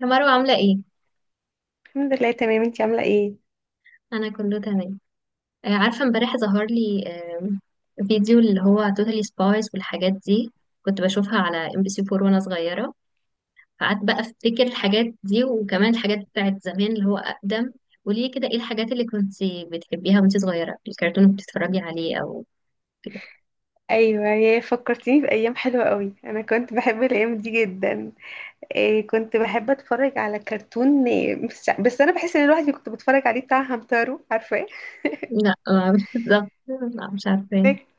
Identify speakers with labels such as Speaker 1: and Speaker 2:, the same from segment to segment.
Speaker 1: يا مروة عاملة ايه؟
Speaker 2: الحمد لله، تمام. انتي عاملة ايه؟
Speaker 1: أنا كله تمام. عارفة امبارح ظهر لي فيديو اللي هو توتالي سبايس والحاجات دي. كنت بشوفها على ام بي سي 4 وانا صغيرة، فقعدت بقى افتكر الحاجات دي وكمان الحاجات بتاعت زمان اللي هو أقدم. قولي لي كده ايه الحاجات اللي كنت بتحبيها وانت صغيرة، الكرتون اللي بتتفرجي عليه أو كده.
Speaker 2: ايوه، يا فكرتيني بأيام حلوة قوي. انا كنت بحب الأيام دي جدا. إيه، كنت بحب اتفرج على كرتون إيه، بس انا بحس ان الواحد اللي كنت بتفرج عليه بتاع همتارو، عارفاه؟
Speaker 1: لا بالظبط. لا مش عارفة
Speaker 2: ده
Speaker 1: ايه.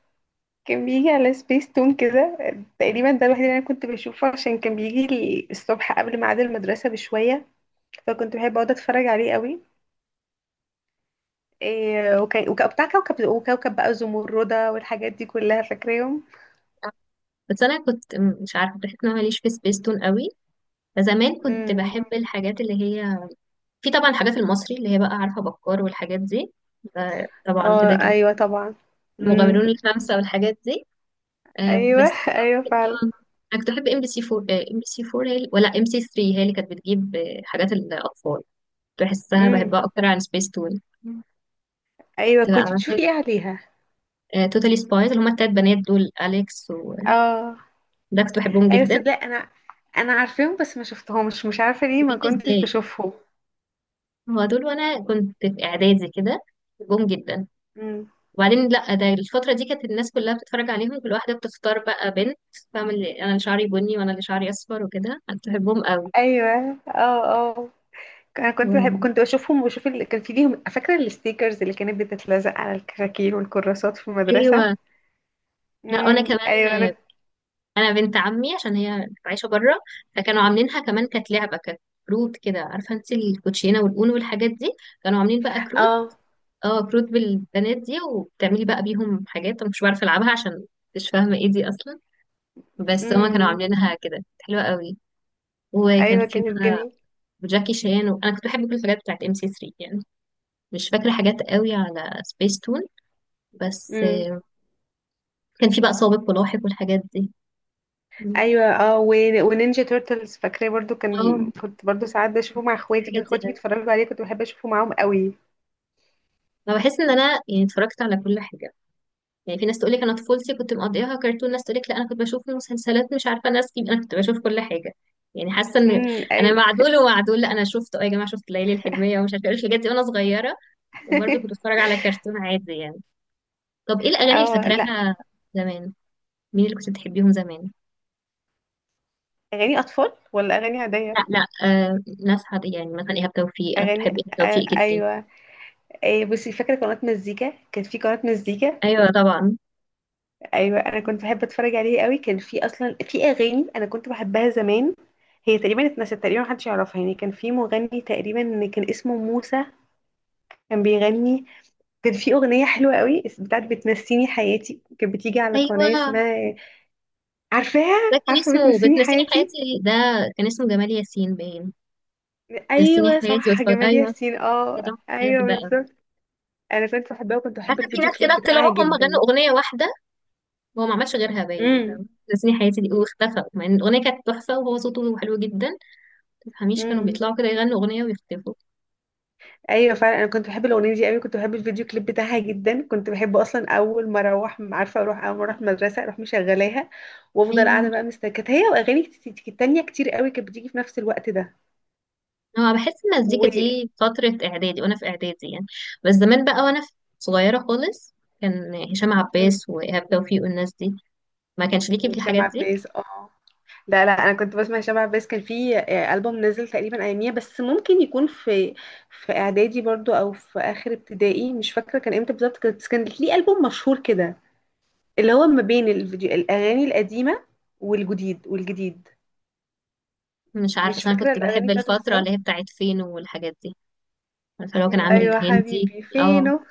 Speaker 2: كان بيجي على سبيس تون كده. تقريبا ده الوحيد اللي انا كنت بشوفه، عشان كان بيجي لي الصبح قبل ميعاد المدرسة بشوية، فكنت بحب اقعد اتفرج عليه قوي. إيه، وكان بتاع كوكب وكوكب بقى زمردة والحاجات دي كلها، فاكراهم.
Speaker 1: بس أنا كنت مش عارفة، بحس إن أنا ماليش في سبيستون قوي. فزمان كنت
Speaker 2: امم
Speaker 1: بحب الحاجات اللي هي، في طبعا الحاجات المصري اللي هي بقى، عارفة، بكار والحاجات دي، ده طبعا
Speaker 2: اه،
Speaker 1: كده كده.
Speaker 2: ايوه طبعا. مم.
Speaker 1: المغامرون الخمسة والحاجات دي. آه،
Speaker 2: ايوه.
Speaker 1: بس
Speaker 2: ايوه فعلا.
Speaker 1: أكتر- آه، أنا كنت بحب ام بي سي 4. هي ولا ام سي 3 هي اللي كانت بتجيب حاجات الأطفال؟ بحسها
Speaker 2: امم
Speaker 1: بحبها أكتر عن سبيس تون.
Speaker 2: ايوه،
Speaker 1: تبقى
Speaker 2: كنت
Speaker 1: مثلا
Speaker 2: بتشوفي ايه عليها؟
Speaker 1: توتالي سبايز اللي هما التلات بنات دول، أليكس وده،
Speaker 2: اه،
Speaker 1: كنت بحبهم
Speaker 2: ايوه
Speaker 1: جدا.
Speaker 2: صدق. انا عارفاهم بس ما شفتهمش، مش عارفه ليه ما
Speaker 1: جدا
Speaker 2: كنتش
Speaker 1: ازاي،
Speaker 2: بشوفهم.
Speaker 1: هو دول وأنا كنت في إعدادي كده، بحبهم جدا.
Speaker 2: امم.
Speaker 1: وبعدين لا، ده الفترة دي كانت الناس كلها بتتفرج عليهم، كل واحدة بتختار بقى بنت، فاهم؟ اللي انا اللي شعري بني وانا اللي شعري اصفر وكده. انا كنت بحبهم قوي.
Speaker 2: ايوه. اه اه. انا كنت
Speaker 1: و...
Speaker 2: بحب، كنت بشوفهم وبشوف اللي كان في ليهم، فاكره الستيكرز اللي كانت بتتلزق على الكراكيب والكراسات في
Speaker 1: ايوه،
Speaker 2: المدرسه.
Speaker 1: لا انا كمان
Speaker 2: ايوه انا.
Speaker 1: انا بنت عمي عشان هي عايشة بره، فكانوا عاملينها كمان، كانت لعبة، كانت كروت كده، عارفة انت الكوتشينة والاونو والحاجات دي، كانوا عاملين بقى كروت.
Speaker 2: اه.
Speaker 1: اه، كروت بالبنات دي، وبتعملي بقى بيهم حاجات انا مش بعرف العبها عشان مش فاهمة ايه دي اصلا، بس هما كانوا
Speaker 2: امم
Speaker 1: عاملينها كده، كانت حلوة قوي. وكان
Speaker 2: ايوه،
Speaker 1: في
Speaker 2: كانت
Speaker 1: بقى
Speaker 2: جميله.
Speaker 1: وجاكي شان، وانا كنت بحب كل الحاجات بتاعت ام سي 3 يعني. مش فاكره حاجات قوي على سبيس تون، بس
Speaker 2: امم
Speaker 1: كان في بقى سابق ولاحق والحاجات دي. مم.
Speaker 2: ايوه. اه ونينجا تورتلز، فاكراه برضو. كان
Speaker 1: اه
Speaker 2: كنت برضو ساعات بشوفه مع اخواتي، كان
Speaker 1: الحاجات دي
Speaker 2: اخواتي
Speaker 1: قوي،
Speaker 2: بيتفرجوا عليه، كنت بحب اشوفه معاهم قوي.
Speaker 1: فبحس ان انا يعني اتفرجت على كل حاجه. يعني في ناس تقول لك انا طفولتي كنت مقضيها كرتون، ناس تقول لك لا انا كنت بشوف مسلسلات، مش عارفه ناس كيف، انا كنت بشوف كل حاجه يعني. حاسه ان
Speaker 2: امم.
Speaker 1: انا
Speaker 2: ايوه.
Speaker 1: مع دول ومع دول، لا انا شفت اه يا جماعه شفت ليالي الحلميه ومش عارفه ايه الحاجات دي وانا صغيره، وبرضه كنت بتفرج على كرتون عادي يعني. طب ايه الاغاني اللي
Speaker 2: اه. لا،
Speaker 1: فاكراها زمان؟ مين اللي كنت بتحبيهم زمان؟
Speaker 2: اغاني اطفال ولا اغاني عاديه؟
Speaker 1: لا لا آه، ناس عادية، يعني مثلا إيهاب توفيق، أنا كنت بحب
Speaker 2: اغاني.
Speaker 1: إيهاب
Speaker 2: آه
Speaker 1: توفيق جدا.
Speaker 2: ايوه. إيه، بصي، فاكره قناه مزيكا؟ كان في قناه مزيكا.
Speaker 1: أيوة طبعا.
Speaker 2: ايوه، انا كنت بحب اتفرج عليه قوي. كان في اصلا في اغاني انا كنت بحبها زمان، هي تقريبا اتنست، تقريبا محدش يعرفها. يعني كان في مغني تقريبا كان اسمه موسى، كان بيغني. كان في أغنية حلوة قوي، بتاعت بتنسيني حياتي، كانت بتيجي على قناة
Speaker 1: أيوة
Speaker 2: اسمها، عارفاها؟
Speaker 1: ده كان
Speaker 2: عارفة
Speaker 1: اسمه
Speaker 2: بتنسيني
Speaker 1: بتنسيني
Speaker 2: حياتي.
Speaker 1: حياتي، ده كان اسمه جمال ياسين باين. بتنسيني
Speaker 2: أيوة
Speaker 1: حياتي
Speaker 2: صح،
Speaker 1: واتفرج،
Speaker 2: جمال
Speaker 1: أيوة.
Speaker 2: ياسين، اه
Speaker 1: طبعا. أيوة
Speaker 2: أيوة
Speaker 1: بحبها أوي.
Speaker 2: بالظبط. أنا كنت بحبها وكنت بحب
Speaker 1: عارفة في
Speaker 2: الفيديو
Speaker 1: ناس
Speaker 2: كليب
Speaker 1: كده
Speaker 2: بتاعها
Speaker 1: طلعوا هم غنوا
Speaker 2: جدا.
Speaker 1: أغنية واحدة وهو ما عملش غيرها، باين،
Speaker 2: امم.
Speaker 1: فاهمة؟ بتنسيني حياتي دي واختفى، مع إن الأغنية كانت تحفة وهو صوته حلو جدا، ما تفهميش، كانوا
Speaker 2: امم.
Speaker 1: بيطلعوا كده يغنوا أغنية ويختفوا.
Speaker 2: أيوة فعلا، أنا كنت بحب الأغنية دي قوي، كنت بحب الفيديو كليب بتاعها جدا. كنت بحب أصلا أول ما أروح، عارفة أروح، أول ما أروح المدرسة أروح مشغلاها، وأفضل قاعدة
Speaker 1: أيوة.
Speaker 2: بقى مستكت هي وأغاني تانية كتير قوي كانت بتيجي في نفس الوقت ده.
Speaker 1: هو بحس
Speaker 2: و،
Speaker 1: المزيكا دي فترة إعدادي وأنا في إعدادي يعني، بس زمان بقى وأنا صغيرة خالص، كان هشام
Speaker 2: مم.
Speaker 1: عباس وإيهاب توفيق والناس دي، ما كانش ليكي في
Speaker 2: وهشام
Speaker 1: الحاجات دي.
Speaker 2: عباس، اه. لا لا، انا كنت بسمع شبع، بس كان في البوم نزل تقريبا اياميها. بس ممكن يكون في، في اعدادي برضو، او في اخر ابتدائي، مش فاكره كان امتى بالظبط. بس كان ليه البوم مشهور كده، اللي هو ما بين الفيديو الاغاني القديمه، والجديد.
Speaker 1: مش عارفة،
Speaker 2: مش
Speaker 1: بس أنا
Speaker 2: فاكره
Speaker 1: كنت بحب
Speaker 2: الاغاني بتاعته
Speaker 1: الفترة اللي هي
Speaker 2: بالظبط.
Speaker 1: بتاعت فينو والحاجات دي. عارفة اللي هو كان عامل
Speaker 2: ايوه،
Speaker 1: الهندي.
Speaker 2: حبيبي
Speaker 1: اه.
Speaker 2: فينه،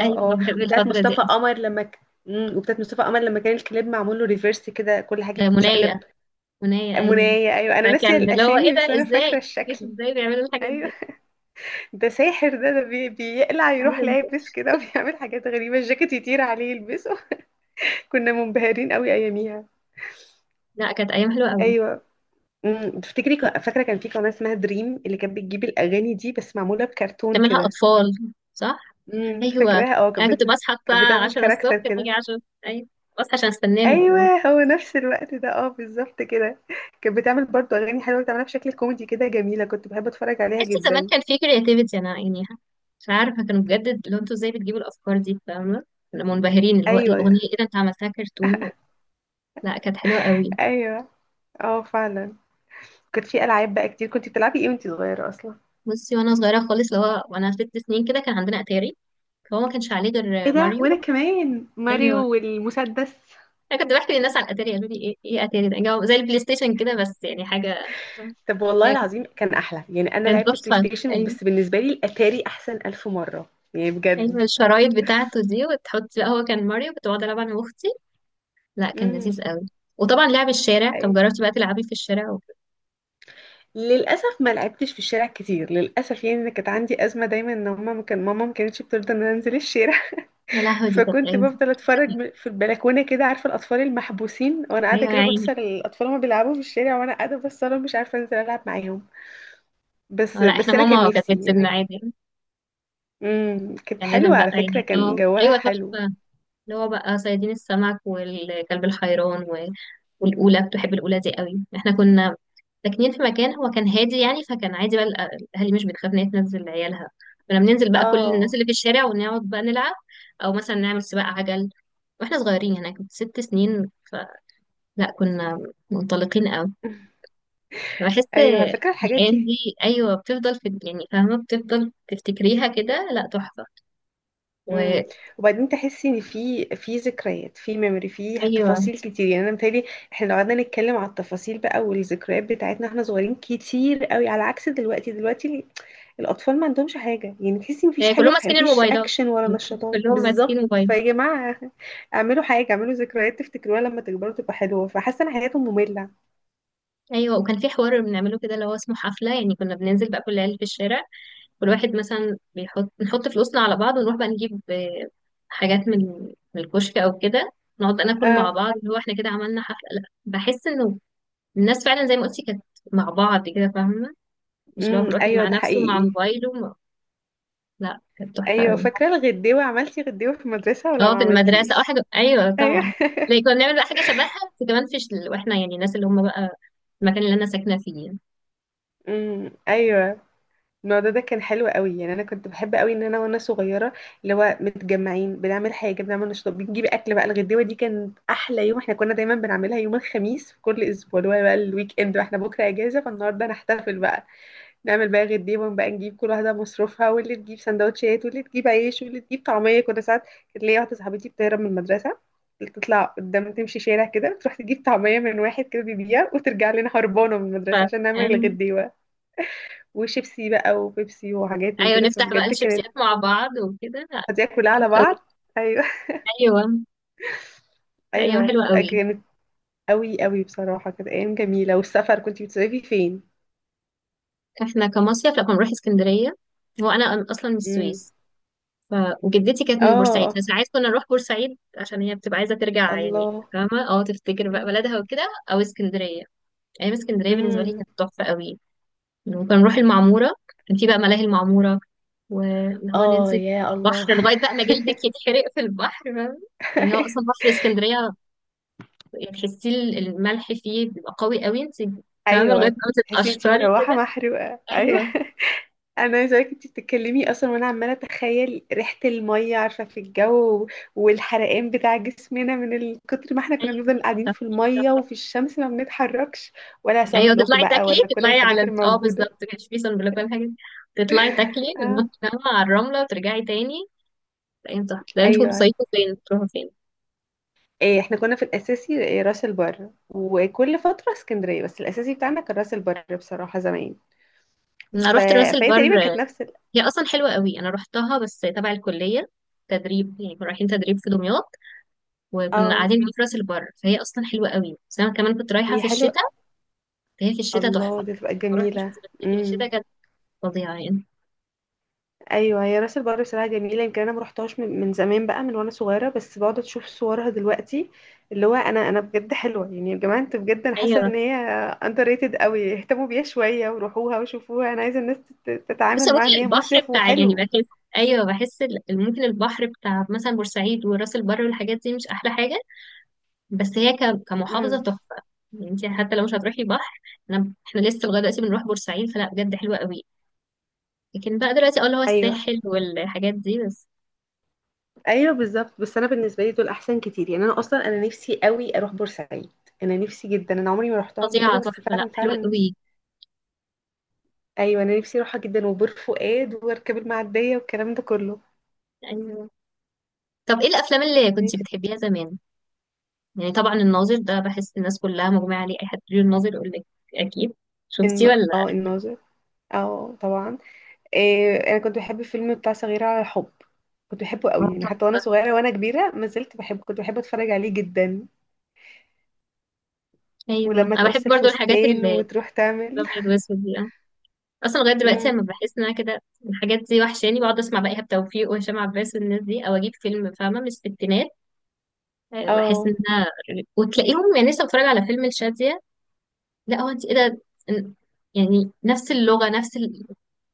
Speaker 1: أيوة،
Speaker 2: اه،
Speaker 1: بحب
Speaker 2: وبتاعت
Speaker 1: الفترة
Speaker 2: مصطفى
Speaker 1: دي.
Speaker 2: قمر مم، وبتاعت مصطفى قمر لما كان الكليب معمول له ريفيرس كده، كل حاجه بتتشقلب.
Speaker 1: منايا، منايا أيوة.
Speaker 2: منايه، ايوه، انا ناسيه
Speaker 1: كان اللي هو إيه
Speaker 2: الاسامي بس
Speaker 1: ده،
Speaker 2: انا فاكره
Speaker 1: إزاي
Speaker 2: الشكل.
Speaker 1: إزاي بيعملوا الحاجات
Speaker 2: ايوه.
Speaker 1: دي؟
Speaker 2: ده ساحر، ده بيقلع، يروح
Speaker 1: أيوة.
Speaker 2: لابس كده وبيعمل حاجات غريبة، الجاكيت يطير عليه يلبسه. كنا منبهرين قوي أياميها.
Speaker 1: لا كانت أيام حلوة أوي.
Speaker 2: أيوة. أمم، تفتكري فاكرة كان في قناة اسمها دريم اللي كانت بتجيب الأغاني دي بس معمولة بكرتون
Speaker 1: كان منها
Speaker 2: كده؟
Speaker 1: أطفال صح؟
Speaker 2: امم،
Speaker 1: ايوه،
Speaker 2: فاكراها، اه.
Speaker 1: انا كنت بصحى
Speaker 2: كانت
Speaker 1: بقى
Speaker 2: بتعمل
Speaker 1: 10
Speaker 2: كاركتر
Speaker 1: الصبح، باجي
Speaker 2: كده.
Speaker 1: 10. ايوه، بصحى عشان استناهم اللي هو.
Speaker 2: أيوة. هو نفس الوقت ده، اه، بالظبط كده. كانت بتعمل برضه أغاني حلوة، بتعملها بشكل كوميدي كده، جميلة. كنت بحب أتفرج عليها
Speaker 1: تحس زمان
Speaker 2: جدا.
Speaker 1: كان في كرياتيفيتي، انا يعني مش عارفه، كانوا بجد اللي هو انتوا ازاي بتجيبوا الافكار دي، فاهمه؟ كنا منبهرين اللي هو الاغنيه
Speaker 2: أيوة.
Speaker 1: ايه ده، انت عملتها كرتون؟ لا كانت حلوه قوي.
Speaker 2: أيوة. اه، فعلا. كانت في ألعاب بقى كتير، كنت بتلعبي ايه وانتي صغيرة أصلا؟
Speaker 1: بصي، وانا صغيره خالص اللي هو وانا 6 سنين كده، كان عندنا اتاري، فهو ما كانش عليه
Speaker 2: ايه
Speaker 1: غير
Speaker 2: ده،
Speaker 1: ماريو.
Speaker 2: وانا كمان
Speaker 1: ايوه.
Speaker 2: ماريو والمسدس.
Speaker 1: انا كنت بحكي للناس على الاتاري قالوا لي ايه ايه اتاري ده، زي البلاي ستيشن كده بس يعني حاجه.
Speaker 2: طب والله
Speaker 1: يعني
Speaker 2: العظيم كان احلى، يعني انا
Speaker 1: كان
Speaker 2: لعبت بلاي
Speaker 1: تحفه.
Speaker 2: ستيشن
Speaker 1: أيوة.
Speaker 2: بس بالنسبه لي الاتاري احسن الف مره، يعني بجد.
Speaker 1: ايوه الشرايط بتاعته دي وتحط، لا هو كان ماريو، كنت بقعد العب انا واختي. لا كان
Speaker 2: امم.
Speaker 1: لذيذ قوي. وطبعا لعب الشارع،
Speaker 2: اي.
Speaker 1: طب جربتي بقى تلعبي في الشارع و...
Speaker 2: للاسف ما لعبتش في الشارع كتير، للاسف. يعني انا كانت عندي ازمه دايما ان ماما، ما كانتش بترضى ان انا انزل الشارع.
Speaker 1: يا لهوي دي كانت
Speaker 2: فكنت
Speaker 1: ايام.
Speaker 2: بفضل اتفرج في البلكونه كده، عارفه الاطفال المحبوسين، وانا قاعده
Speaker 1: ايوه يا
Speaker 2: كده بص
Speaker 1: عيني.
Speaker 2: على الاطفال وهما بيلعبوا في الشارع، وانا قاعده بص لهم مش عارفه انزل العب معاهم.
Speaker 1: اه
Speaker 2: بس
Speaker 1: لا، احنا
Speaker 2: بس انا كان
Speaker 1: ماما كانت
Speaker 2: نفسي
Speaker 1: بتسيبنا
Speaker 2: يعني.
Speaker 1: عادي.
Speaker 2: امم، كانت
Speaker 1: كان لازم
Speaker 2: حلوة
Speaker 1: بقى
Speaker 2: على فكرة،
Speaker 1: يعني،
Speaker 2: كان
Speaker 1: اه ايوه
Speaker 2: جواها حلو.
Speaker 1: تحفه. اللي هو بقى صيادين السمك والكلب الحيران و... والأولى، كنت بحب الأولى دي قوي، احنا كنا ساكنين في مكان هو كان هادي يعني، فكان عادي بقى، الأهالي مش بتخاف إن هي تنزل عيالها. كنا بننزل بقى كل الناس
Speaker 2: اه.
Speaker 1: اللي في الشارع ونقعد بقى نلعب، أو مثلا نعمل سباق عجل. واحنا صغيرين هناك كنت 6 سنين، فلا كنا منطلقين قوي. بحس
Speaker 2: ايوه، على فكرة الحاجات
Speaker 1: الأيام
Speaker 2: دي.
Speaker 1: دي، أيوة، بتفضل في يعني، فاهمة، بتفضل تفتكريها كده. لا تحفة.
Speaker 2: امم.
Speaker 1: وأيوه.
Speaker 2: وبعدين تحسي ان في ذكريات، في ميموري، في تفاصيل كتير. يعني انا متهيألي احنا لو قعدنا نتكلم على التفاصيل بقى والذكريات بتاعتنا احنا صغيرين كتير قوي، على عكس دلوقتي. دلوقتي الاطفال ما عندهمش حاجة، يعني تحسي مفيش حاجة،
Speaker 1: كلهم ماسكين
Speaker 2: مفيش
Speaker 1: الموبايلات،
Speaker 2: اكشن ولا نشاطات
Speaker 1: كلهم ماسكين
Speaker 2: بالظبط.
Speaker 1: موبايل.
Speaker 2: فيا جماعة، اعملوا حاجة، اعملوا ذكريات تفتكروها لما تكبروا تبقى حلوة. فحاسة ان حياتهم مملة.
Speaker 1: ايوه، وكان في حوار بنعمله كده اللي هو اسمه حفله، يعني كنا بننزل بقى كل العيال في الشارع، كل واحد مثلا بيحط، نحط فلوسنا على بعض ونروح بقى نجيب حاجات من من الكشك او كده، نقعد بقى ناكل مع
Speaker 2: اه.
Speaker 1: بعض اللي هو احنا كده عملنا حفله. لا بحس انه الناس فعلا زي ما قلتي، كانت مع بعض كده، فاهمه؟ مش اللي هو
Speaker 2: امم.
Speaker 1: كل واحد
Speaker 2: ايوه،
Speaker 1: مع
Speaker 2: ده
Speaker 1: نفسه مع
Speaker 2: حقيقي.
Speaker 1: موبايله لا كانت تحفه
Speaker 2: ايوه،
Speaker 1: قوي.
Speaker 2: فاكره الغديوه؟ عملتي غديوه في المدرسه ولا
Speaker 1: اه في
Speaker 2: ما
Speaker 1: المدرسه، اه
Speaker 2: عملتيش؟
Speaker 1: حاجه، ايوه
Speaker 2: ايوه.
Speaker 1: طبعا. زي كنا بنعمل بقى حاجه شبهها، بس كمان في واحنا يعني الناس اللي هم بقى، المكان اللي انا ساكنه فيه يعني.
Speaker 2: امم. ايوه، الموضوع ده كان حلو قوي. يعني انا كنت بحب قوي ان انا وانا صغيره، اللي هو متجمعين بنعمل حاجه، بنعمل نشاط، بنجيب اكل بقى. الغديوه دي كانت احلى يوم، احنا كنا دايما بنعملها يوم الخميس في كل اسبوع، اللي هو بقى الويك اند واحنا بكره اجازه، فالنهارده نحتفل بقى. نعمل بقى غير دي بقى، نجيب كل واحدة مصروفها، واللي تجيب سندوتشات واللي تجيب عيش واللي تجيب طعمية. كنا ساعات، كانت ليا واحدة صاحبتي بتهرب من المدرسة، تطلع قدام تمشي شارع كده تروح تجيب طعمية من واحد كده بيبيع وترجع لنا هربانة من
Speaker 1: ف...
Speaker 2: المدرسة عشان نعمل
Speaker 1: أيوة.
Speaker 2: الغديوة. وشيبسي بقى وبيبسي وحاجات من
Speaker 1: ايوه
Speaker 2: كده،
Speaker 1: نفتح بقى
Speaker 2: فبجد كانت،
Speaker 1: الشيبسيات مع بعض وكده. لا،
Speaker 2: هتلاقيها كلها
Speaker 1: حلو
Speaker 2: على
Speaker 1: قوي.
Speaker 2: بعض. أيوة.
Speaker 1: ايوه، ايام
Speaker 2: أيوة
Speaker 1: حلوه
Speaker 2: بتبقى
Speaker 1: قوي.
Speaker 2: جامد. أوي أوي بصراحة، كانت أيام جميلة. والسفر، كنت بتصيفي فين؟
Speaker 1: احنا كمصيف لما بنروح اسكندريه، هو انا اصلا من
Speaker 2: امم.
Speaker 1: السويس. ف... وجدتي كانت من بورسعيد،
Speaker 2: اه.
Speaker 1: فساعات كنا نروح بورسعيد عشان هي بتبقى عايزه ترجع يعني،
Speaker 2: الله.
Speaker 1: فاهمه؟ اه، تفتكر بقى بلدها وكده، او اسكندريه. ايام اسكندريه بالنسبه لي
Speaker 2: امم.
Speaker 1: كانت تحفه قوي. وكنا نروح المعموره، كان في بقى ملاهي المعموره، واللي هو
Speaker 2: اه
Speaker 1: ننزل
Speaker 2: يا
Speaker 1: البحر
Speaker 2: الله.
Speaker 1: لغايه بقى ما جلدك يتحرق في البحر، فاهمة؟ يعني هو اصلا بحر اسكندريه تحسي الملح فيه بيبقى قوي قوي، انت تمام لغايه
Speaker 2: ايوه،
Speaker 1: ما
Speaker 2: تحسي انتي
Speaker 1: تتقشري
Speaker 2: مروحه
Speaker 1: كده.
Speaker 2: محروقه، ايوه.
Speaker 1: ايوه.
Speaker 2: انا عايزه اقولك، انتي بتتكلمي اصلا وانا عماله اتخيل ريحه الميه، عارفه في الجو، والحرقان بتاع جسمنا من كتر ما احنا كنا
Speaker 1: ايوه
Speaker 2: بنفضل قاعدين
Speaker 1: صح،
Speaker 2: في الميه
Speaker 1: صح.
Speaker 2: وفي الشمس ما بنتحركش. ولا سان
Speaker 1: ايوه
Speaker 2: بلوك
Speaker 1: تطلعي
Speaker 2: بقى
Speaker 1: تاكلي
Speaker 2: ولا كل
Speaker 1: تطلعي على
Speaker 2: الحاجات
Speaker 1: اه
Speaker 2: الموجوده.
Speaker 1: بالظبط، كانش فيه صن بلوك ولا حاجه، تطلعي تاكلي
Speaker 2: اه.
Speaker 1: وتنطي فاهمة على الرمله وترجعي تاني. تلاقي انت، ده انتوا
Speaker 2: ايوه،
Speaker 1: بتصيفوا فين، بتروحوا فين؟
Speaker 2: إيه، احنا كنا في الاساسي إيه، راس البر، وكل فتره اسكندريه، بس الاساسي بتاعنا كان راس البر بصراحه زمان. ف...
Speaker 1: انا رحت راس
Speaker 2: فهي
Speaker 1: البر.
Speaker 2: تقريبا كانت نفس
Speaker 1: هي اصلا حلوه قوي، انا رحتها بس تبع الكليه، تدريب يعني، كنا رايحين تدريب في دمياط وكنا
Speaker 2: اه،
Speaker 1: قاعدين في راس البر، فهي اصلا حلوه قوي، بس انا كمان كنت رايحه
Speaker 2: هي
Speaker 1: في
Speaker 2: حلوه.
Speaker 1: الشتاء، فهي في الشتاء تحفه.
Speaker 2: الله، دي تبقى
Speaker 1: ما رحتش
Speaker 2: جميلة.
Speaker 1: في
Speaker 2: امم.
Speaker 1: الشتاء. فظيعة يعني.
Speaker 2: ايوه، هي راس البر بصراحة جميلة. يمكن انا ما رحتهاش من زمان بقى، من وانا صغيرة، بس بقعد اشوف صورها دلوقتي، اللي هو انا، انا بجد حلوة. يعني يا جماعة انتوا بجد، انا حاسة
Speaker 1: أيوة.
Speaker 2: ان هي اندر ريتد قوي. اهتموا بيها شوية وروحوها وشوفوها، انا عايزة الناس
Speaker 1: بس
Speaker 2: تتعامل معاها ان
Speaker 1: ممكن
Speaker 2: هي
Speaker 1: البحر
Speaker 2: مصيف
Speaker 1: بتاع يعني،
Speaker 2: وحلو.
Speaker 1: بحس، أيوة بحس ممكن البحر بتاع مثلا بورسعيد وراس البر والحاجات دي مش أحلى حاجة، بس هي كمحافظة
Speaker 2: امم.
Speaker 1: تحفة. يعني انت حتى لو مش هتروحي بحر، أنا احنا لسه لغاية دلوقتي بنروح بورسعيد، فلا بجد حلوة قوي. لكن بقى دلوقتي اه اللي هو
Speaker 2: ايوه.
Speaker 1: الساحل والحاجات دي بس.
Speaker 2: ايوه بالظبط. بس انا بالنسبة لي دول احسن كتير. يعني انا اصلا انا نفسي قوي اروح بورسعيد، انا نفسي جدا، انا عمري ما رحتها قبل كده،
Speaker 1: فظيعة
Speaker 2: بس
Speaker 1: تحفة، لا
Speaker 2: فعلا
Speaker 1: حلوة
Speaker 2: فعلا.
Speaker 1: قوي.
Speaker 2: ايوه انا نفسي اروحها جدا، وبور فؤاد واركب المعديه والكلام ده كله.
Speaker 1: أيوة. طب ايه الأفلام اللي كنت
Speaker 2: نفسي.
Speaker 1: بتحبيها زمان؟ يعني طبعا الناظر ده بحس الناس كلها مجمعة عليه، أي حد بيقول الناظر يقول لك، أكيد. شفتيه
Speaker 2: ان
Speaker 1: ولا؟
Speaker 2: اه، الناظر، اه طبعا. إيه، انا كنت بحب الفيلم بتاع صغيره على الحب، كنت بحبه قوي. يعني حتى وانا
Speaker 1: تحفة.
Speaker 2: صغيره وانا كبيره ما زلت بحبه، كنت بحب اتفرج عليه جدا.
Speaker 1: ايوه
Speaker 2: ولما
Speaker 1: انا بحب
Speaker 2: تقص
Speaker 1: برضو الحاجات
Speaker 2: الفستان
Speaker 1: اللي
Speaker 2: وتروح تعمل.
Speaker 1: الابيض واسود دي. أنا اصلا لغايه دلوقتي
Speaker 2: امم.
Speaker 1: لما بحس ان انا كده، الحاجات دي وحشاني بقعد اسمع بقى ايهاب توفيق وهشام عباس والناس دي، او اجيب فيلم فاهمه من الستينات. بحس
Speaker 2: اه.
Speaker 1: ان انا وتلاقيهم يعني، لسه بتفرج على فيلم الشاذيه، لا هو انت ايه ده؟ إن- يعني نفس اللغه نفس ال...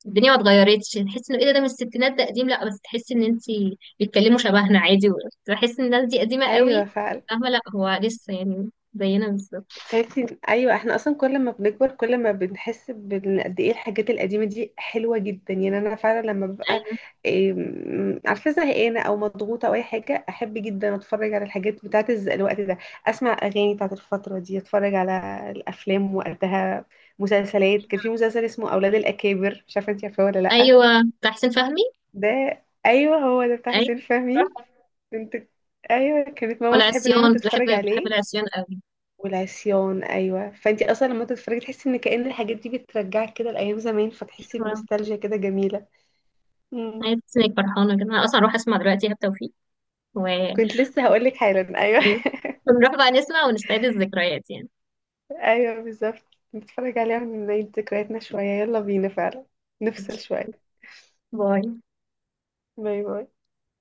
Speaker 1: الدنيا ما اتغيرتش، تحس انه ايه ده، ده من الستينات ده قديم، لا بس تحس ان انت بيتكلموا شبهنا عادي. بحس ان الناس دي قديمه
Speaker 2: ايوه
Speaker 1: قوي،
Speaker 2: فعلا.
Speaker 1: فاهمه؟ لا هو لسه يعني زينا بالظبط.
Speaker 2: فهمتي، ايوه احنا اصلا كل ما بنكبر كل ما بنحس قد ايه الحاجات القديمه دي حلوه جدا. يعني انا فعلا لما ببقى
Speaker 1: ايوه.
Speaker 2: إيه، عارفه زهقانه او مضغوطه او اي حاجه، احب جدا اتفرج على الحاجات بتاعت الوقت ده، اسمع اغاني بتاعت الفتره دي، اتفرج على الافلام وقتها. مسلسلات، كان في مسلسل اسمه اولاد الاكابر، مش عارفه انت عارفاه ولا لا؟
Speaker 1: ايوه بتاع حسين فهمي.
Speaker 2: ده. ايوه، هو ده بتاع
Speaker 1: أيوة
Speaker 2: حسين
Speaker 1: صح.
Speaker 2: فهمي. كنت، ايوه كانت ماما بتحب دايما
Speaker 1: والعصيان كنت بحب،
Speaker 2: تتفرج
Speaker 1: بحب
Speaker 2: عليه.
Speaker 1: العصيان قوي.
Speaker 2: والعصيان، ايوه. فانتي اصلا لما تتفرجي تحسي ان كأن الحاجات دي بترجعك كده لايام زمان، فتحسي
Speaker 1: أيوة.
Speaker 2: بنوستالجيا كده جميله. مم.
Speaker 1: أيوة، تحسي إنك فرحانة كده، أنا أصلا هروح أسمع دلوقتي إيهاب توفيق و
Speaker 2: كنت لسه هقول لك حالا، ايوه.
Speaker 1: أيوة، نروح بقى نسمع ونستعيد الذكريات يعني.
Speaker 2: ايوه بالظبط، نتفرج عليها ونعيد ذكرياتنا شويه، يلا بينا فعلا، نفصل شويه.
Speaker 1: باي.
Speaker 2: باي باي.